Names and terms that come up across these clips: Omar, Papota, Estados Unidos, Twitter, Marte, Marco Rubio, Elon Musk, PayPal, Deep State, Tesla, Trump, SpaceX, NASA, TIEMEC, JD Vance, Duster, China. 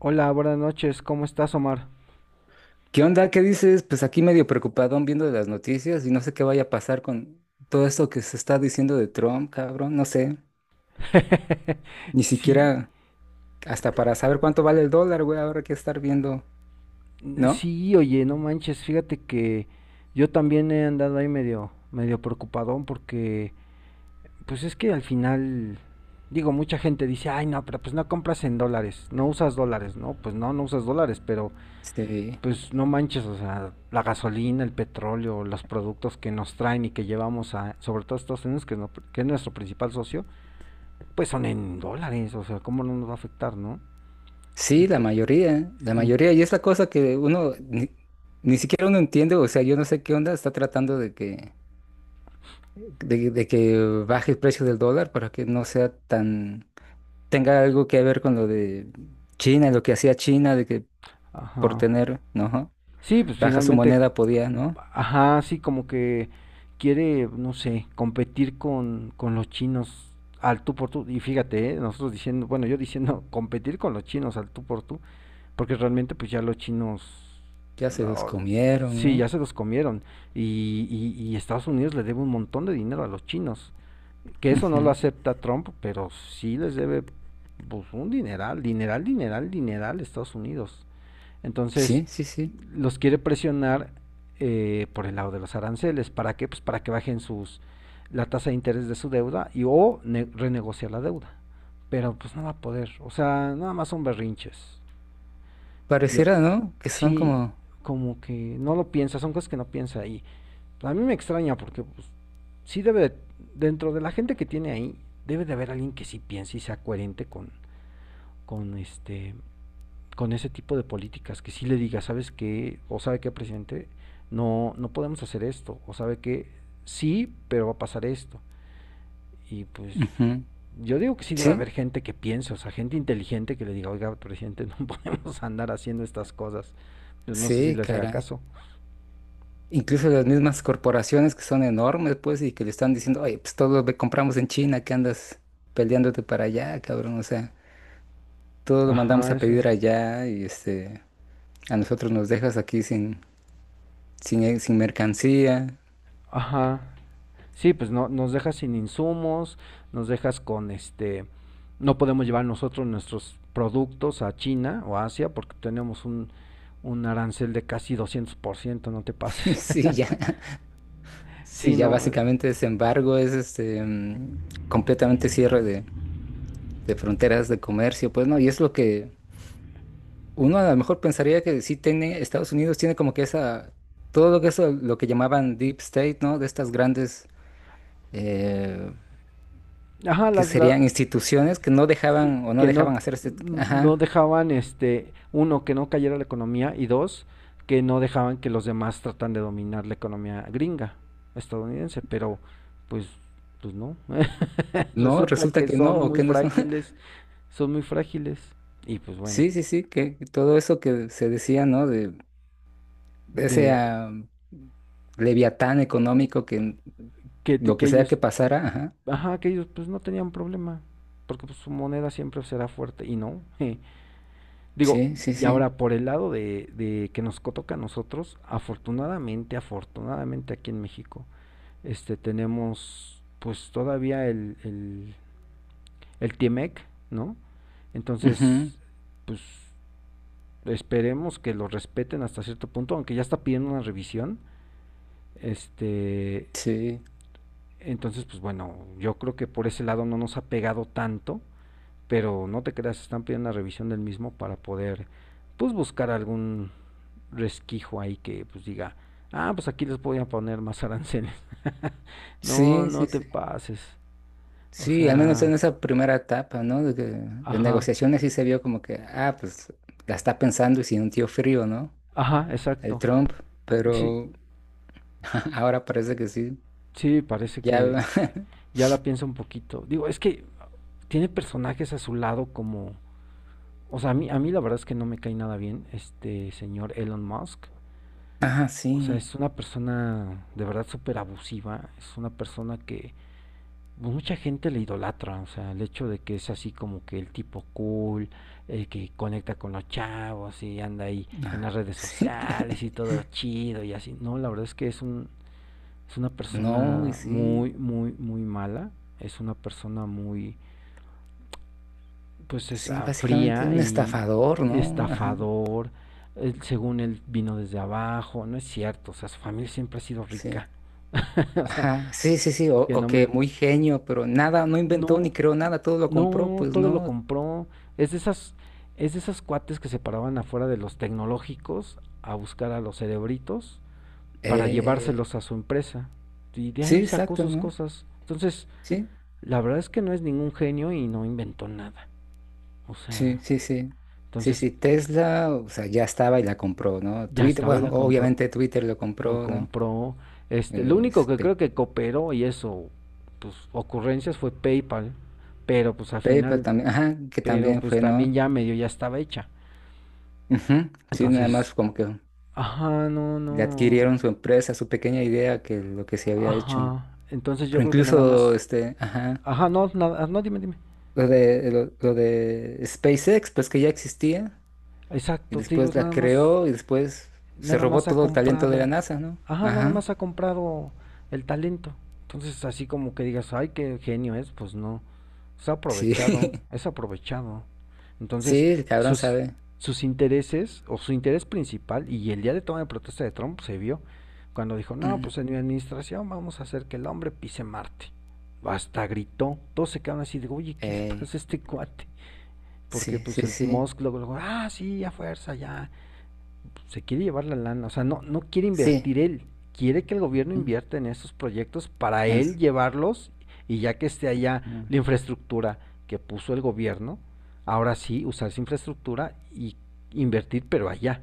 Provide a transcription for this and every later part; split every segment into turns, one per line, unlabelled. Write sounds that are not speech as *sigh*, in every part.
Hola, buenas noches, ¿cómo estás, Omar?
¿Qué onda? ¿Qué dices? Pues aquí medio preocupadón viendo las noticias y no sé qué vaya a pasar con todo esto que se está diciendo de Trump, cabrón, no sé.
*laughs*
Ni
Sí,
siquiera hasta para saber cuánto vale el dólar, güey, ahora hay que estar viendo, ¿no?
sí, oye, no manches, fíjate que yo también he andado ahí medio, medio preocupadón porque, pues es que al final, digo, mucha gente dice, ay, no, pero pues no compras en dólares, no usas dólares, ¿no? Pues no, no usas dólares, pero
Sí.
pues no manches, o sea, la gasolina, el petróleo, los productos que nos traen y que llevamos a, sobre todo a Estados Unidos, que, es que es nuestro principal socio, pues son en dólares, o sea, ¿cómo no nos va a afectar, no?
Sí, la
Ento-
mayoría, la mayoría. Y es la cosa que uno ni, ni siquiera uno entiende, o sea, yo no sé qué onda, está tratando de que, de que baje el precio del dólar para que no sea tan, tenga algo que ver con lo de China, lo que hacía China, de que por
ajá.
tener, ¿no?
Sí, pues
Baja su
finalmente,
moneda podía, ¿no?
ajá, sí, como que quiere, no sé, competir con los chinos al tú por tú. Y fíjate, nosotros diciendo, bueno, yo diciendo *laughs* competir con los chinos al tú por tú, porque realmente pues ya los chinos,
Ya se los
lo-
comieron,
sí,
¿no?
ya se los comieron. Y Estados Unidos le debe un montón de dinero a los chinos. Que eso no lo
Ujú.
acepta Trump, pero sí les debe pues, un dineral, dineral, dineral, dineral a Estados Unidos. Entonces,
Sí, sí, sí.
los quiere presionar por el lado de los aranceles. ¿Para qué? Pues para que bajen sus la tasa de interés de su deuda y o renegociar la deuda. Pero pues no va a poder. O sea, nada más son berrinches. Y,
Pareciera, ¿no? Que son
sí,
como...
como que no lo piensa, son cosas que no piensa ahí. A mí me extraña porque pues, sí debe, de, dentro de la gente que tiene ahí, debe de haber alguien que sí piense y sea coherente con este con ese tipo de políticas, que sí le diga, ¿sabes qué? O sabe qué presidente, no podemos hacer esto, o sabe qué sí, pero va a pasar esto. Y pues
ujú.
yo digo que sí debe
Sí,
haber gente que piense, o sea, gente inteligente que le diga, oiga, presidente, *laughs* no podemos andar haciendo estas cosas. Yo no sé si
sí,
les haga
caray.
caso.
Incluso las mismas corporaciones que son enormes, pues, y que le están diciendo, oye, pues todo lo compramos en China, que andas peleándote para allá, cabrón. O sea, todo lo mandamos
Ajá,
a
ese.
pedir allá y a nosotros nos dejas aquí sin, sin, sin mercancía.
Ajá. Sí, pues no, nos dejas sin insumos, nos dejas con este, no podemos llevar nosotros nuestros productos a China o Asia porque tenemos un arancel de casi 200%, no te
*laughs*
pases.
Sí,
*laughs*
ya. Sí,
sí,
ya
no.
básicamente ese embargo es completamente cierre de fronteras, de comercio, pues no, y es lo que uno a lo mejor pensaría que sí tiene, Estados Unidos tiene como que esa, todo lo que eso, lo que llamaban Deep State, ¿no? De estas grandes, eh,
Ajá,
que serían instituciones que no
sí,
dejaban o no
que no,
dejaban hacer este
no
ajá,
dejaban, este, uno, que no cayera la economía y dos, que no dejaban que los demás tratan de dominar la economía gringa, estadounidense, pero pues, pues no. *laughs*
no,
Resulta
resulta
que
que no,
son
o
muy
que no son, *laughs*
frágiles, son muy frágiles y pues bueno,
sí, sí, sí, que todo eso que se decía, ¿no? De ese
de
leviatán económico que lo
que
que sea que
ellos,
pasara, ajá,
ajá, que ellos pues no tenían problema, porque pues, su moneda siempre será fuerte y no. *laughs* Digo,
sí, sí,
y
sí,
ahora por el lado de que nos toca a nosotros, afortunadamente, afortunadamente aquí en México, este tenemos pues todavía el TIEMEC, ¿no?
ujú,
Entonces, pues esperemos que lo respeten hasta cierto punto, aunque ya está pidiendo una revisión, este.
sí.
Entonces, pues bueno, yo creo que por ese lado no nos ha pegado tanto, pero no te creas, están pidiendo una revisión del mismo para poder, pues buscar algún resquicio ahí que pues diga, ah, pues aquí les voy a poner más aranceles. *laughs* no,
Sí, sí,
no te
sí.
pases. O
Sí, al menos
sea,
en esa primera etapa, ¿no? De, de
ajá,
negociaciones sí se vio como que, ah, pues la está pensando y sintió frío, ¿no?
ajá,
El
exacto.
Trump,
Sí,
pero *laughs* ahora parece que sí.
sí, parece que
Ya, *laughs*
ya la piensa un poquito. Digo, es que tiene personajes a su lado como, o sea, a mí la verdad es que no me cae nada bien este señor Elon Musk.
ah,
O sea,
sí,
es una persona de verdad súper abusiva, es una persona que pues, mucha gente le idolatra, o sea, el hecho de que es así como que el tipo cool, el que conecta con los chavos y anda ahí en
ah,
las redes
sí.
sociales y
*laughs*
todo chido y así. No, la verdad es que es una
No, y
persona
sí,
muy muy muy mala, es una persona muy pues es
sí, básicamente
fría
un
y
estafador, ¿no? Ajá,
estafador, según él vino desde abajo, no es cierto, o sea, su familia siempre ha sido
sí.
rica. *laughs* o sea,
Ajá, sí, sí, sí,
que
o
no
que
me
muy genio, pero nada, no inventó
no
ni creó nada, todo lo compró,
no
pues,
todo lo
¿no?
compró, es de esas es de esas cuates que se paraban afuera de los tecnológicos a buscar a los cerebritos para
Eh,
llevárselos a su empresa. Y de
sí,
ahí sacó
exacto,
sus
¿no?
cosas. Entonces,
Sí.
la verdad es que no es ningún genio y no inventó nada. O
Sí,
sea,
sí, sí. Sí,
entonces
sí, Tesla, o sea, ya estaba y la compró, ¿no?
ya
Twitter,
estaba y
bueno,
la compró.
obviamente Twitter lo
Lo
compró, ¿no?
compró. Este, lo único
Es
que
Pe-
creo que cooperó y eso, pues ocurrencias fue PayPal, pero pues al
PayPal
final,
también, ajá, que
pero
también
pues
fue, ¿no?
también ya medio ya estaba hecha.
Ujú, sí, nada más
Entonces,
como que
ajá, no,
le
no,
adquirieron su empresa, su pequeña idea que lo que se había hecho.
ajá. Entonces yo
Pero
creo que nada
incluso,
más,
este, ajá,
ajá, no, nada, no, dime, dime.
lo de SpaceX, pues que ya existía, y
Exacto, te digo,
después la
nada más
creó y después se
nada
robó
más ha
todo el talento de la
comprado,
NASA, ¿no?
ajá, nada
Ajá,
más ha comprado el talento. Entonces, así como que digas, ay, qué genio es, pues no. Es
sí,
aprovechado,
*laughs*
es aprovechado.
sí,
Entonces,
el cabrón
sus,
sabe.
sus intereses o su interés principal, y el día de toma de protesta de Trump se vio cuando dijo, no,
Mm.
pues en mi administración vamos a hacer que el hombre pise Marte. Hasta gritó, todos se quedaron así de, oye, ¿qué le
Ey,
pasa a este cuate? Porque
sí,
pues
sí,
el
sí,
Musk luego, luego, ah, sí, a fuerza, ya, se quiere llevar la lana, o sea, no, no quiere
sí.
invertir él, quiere que el gobierno
mm,
invierta en esos proyectos para él
ens-
llevarlos y ya que esté allá la
mm,
infraestructura que puso el gobierno, ahora sí usar esa infraestructura y invertir pero allá.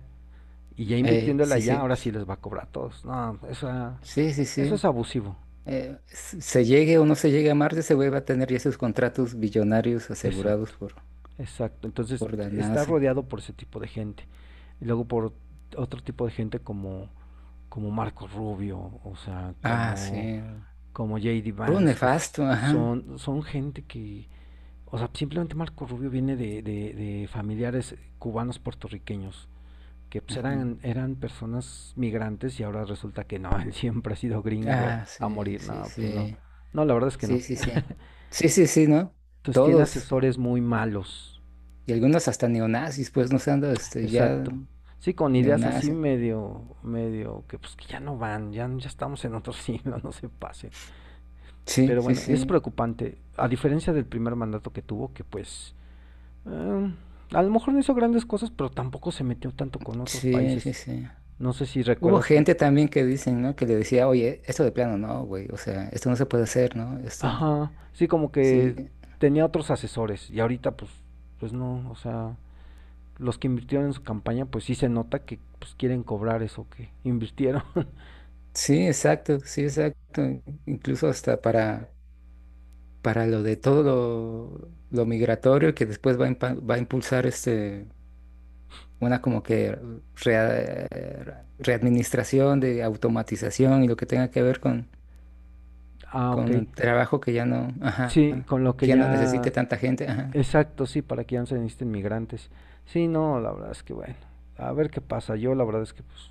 Y ya
ey,
invirtiéndola
sí,
allá,
sí,
ahora sí les va a cobrar a todos. No, eso,
sí, sí,
eso es
sí.
abusivo.
Se llegue o no se llegue a Marte, se va a tener ya esos contratos billonarios asegurados
Exacto, exacto. Entonces
por la
está
NASA.
rodeado por ese tipo de gente. Y luego por otro tipo de gente como, como Marco Rubio, o sea,
Ah,
como
sí.
como JD
Por un
Vance, que
nefasto, ajá.
son, son gente que, o sea, simplemente Marco Rubio viene de familiares cubanos puertorriqueños, que pues,
Ujú.
eran, eran personas migrantes y ahora resulta que no, *laughs* él siempre ha sido gringo
Ah,
a
sí,
morir,
sí,
no, pues no,
sí.
no, la verdad es que no.
Sí, sí, sí. Sí, sí, sí, ¿no?
Entonces tiene
Todos.
asesores muy malos,
Y algunos hasta neonazis, pues, no sé, ando, este, ya
exacto. Sí, con ideas así
neonazis.
medio, medio, que pues que ya no van, ya, ya estamos en otro *laughs* siglo, no se pasen.
Sí,
Pero
sí,
bueno, es
sí.
preocupante, a diferencia del primer mandato que tuvo, que pues Eh, a lo mejor no hizo grandes cosas, pero tampoco se metió tanto con otros
Sí, sí,
países.
sí.
No sé si
Hubo
recuerdas que,
gente también que dicen, ¿no? Que le decía, oye, esto de plano no, güey, o sea, esto no se puede hacer, ¿no? Esto,
ajá, sí, como
sí,
que tenía otros asesores y ahorita pues, pues no, o sea, los que invirtieron en su campaña, pues sí se nota que pues quieren cobrar eso que invirtieron.
sí, exacto, sí, exacto. Incluso hasta para lo de todo lo migratorio que después va a, va a impulsar este, una como que rea- readministración de automatización y lo que tenga que ver
*laughs* ah, ok.
con el trabajo que ya no, ajá,
Sí, con lo que
que ya no
ya,
necesite tanta gente, ajá.
exacto, sí, para que ya no se necesiten migrantes. Sí, no, la verdad es que bueno, a ver qué pasa. Yo la verdad es que pues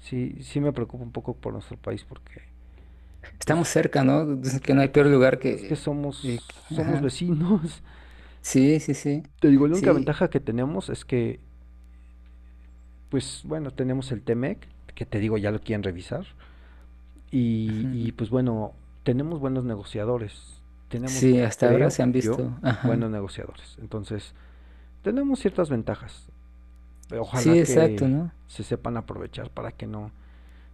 sí, sí me preocupa un poco por nuestro país porque
Estamos
pues
cerca, ¿no? Dicen que no hay peor
pues
lugar
es que
que...
somos, somos
ajá.
vecinos. *laughs*
Sí, sí, sí,
Te digo, la única
sí,
ventaja que tenemos es que, pues bueno, tenemos el Temec, que te digo, ya lo quieren revisar. Y
ujú.
pues bueno, tenemos buenos negociadores. Tenemos,
Sí, hasta ahora
creo
se han
yo,
visto,
buenos
ajá,
negociadores. Entonces, tenemos ciertas ventajas.
sí,
Ojalá
exacto,
que
¿no?
se sepan aprovechar para que no,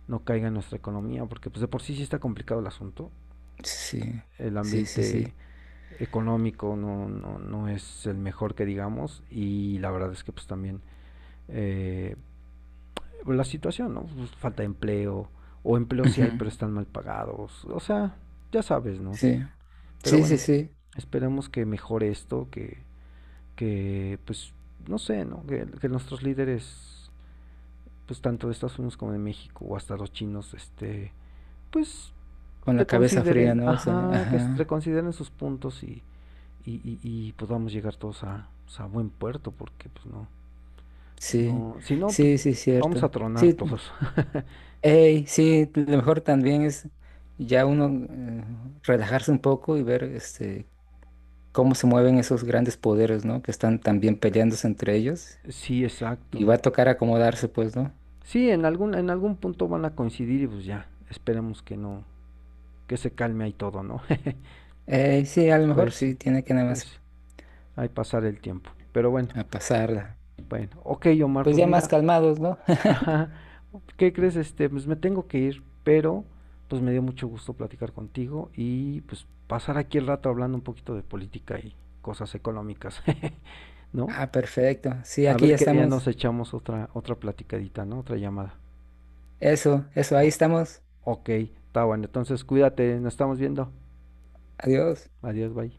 no caiga en nuestra economía, porque pues de por sí sí está complicado el asunto.
Sí,
El
sí, sí, sí,
ambiente económico, no, no, no es el mejor que digamos y la verdad es que pues también eh, la situación, ¿no? Pues, falta de empleo o empleo sí
ujú,
hay pero están mal pagados, o sea, ya sabes, ¿no?
sí,
Pero
sí, sí,
bueno,
sí,
esperemos que mejore esto, que pues no sé, ¿no? Que nuestros líderes, pues tanto de Estados Unidos como de México o hasta los chinos, este, pues
con la cabeza fría,
reconsideren,
¿no? O sea,
ajá, que
ajá,
reconsideren sus puntos y pues vamos a llegar todos a, pues, a buen puerto, porque pues no,
sí,
no, si no, pues
sí, sí,
vamos a
cierto,
tronar
sí,
todos. *laughs*
ey, sí, lo mejor también es ya uno relajarse un poco y ver, este, cómo se mueven esos grandes poderes, ¿no? Que están también peleándose entre ellos
Sí,
y va
exacto.
a tocar acomodarse, pues, ¿no?
Sí, en algún punto van a coincidir y pues ya, esperemos que no, que se calme ahí todo, ¿no? *laughs*
Sí, a lo mejor
Pues sí,
sí, tiene que nada más
pues ahí pasar el tiempo. Pero bueno,
a pasarla.
bueno, ok Omar,
Pues
pues
ya más
mira,
calmados, ¿no? *laughs*
ajá. ¿Qué crees? Este, pues me tengo que ir, pero pues me dio mucho gusto platicar contigo y pues pasar aquí el rato hablando un poquito de política y cosas económicas, *laughs* ¿no?
Ah, perfecto. Sí,
A
aquí
ver
ya
qué día
estamos.
nos echamos otra otra platicadita, ¿no? Otra llamada.
Eso, ahí
O-
estamos.
ok, está bueno. Entonces cuídate, nos estamos viendo.
Adiós.
Adiós, bye.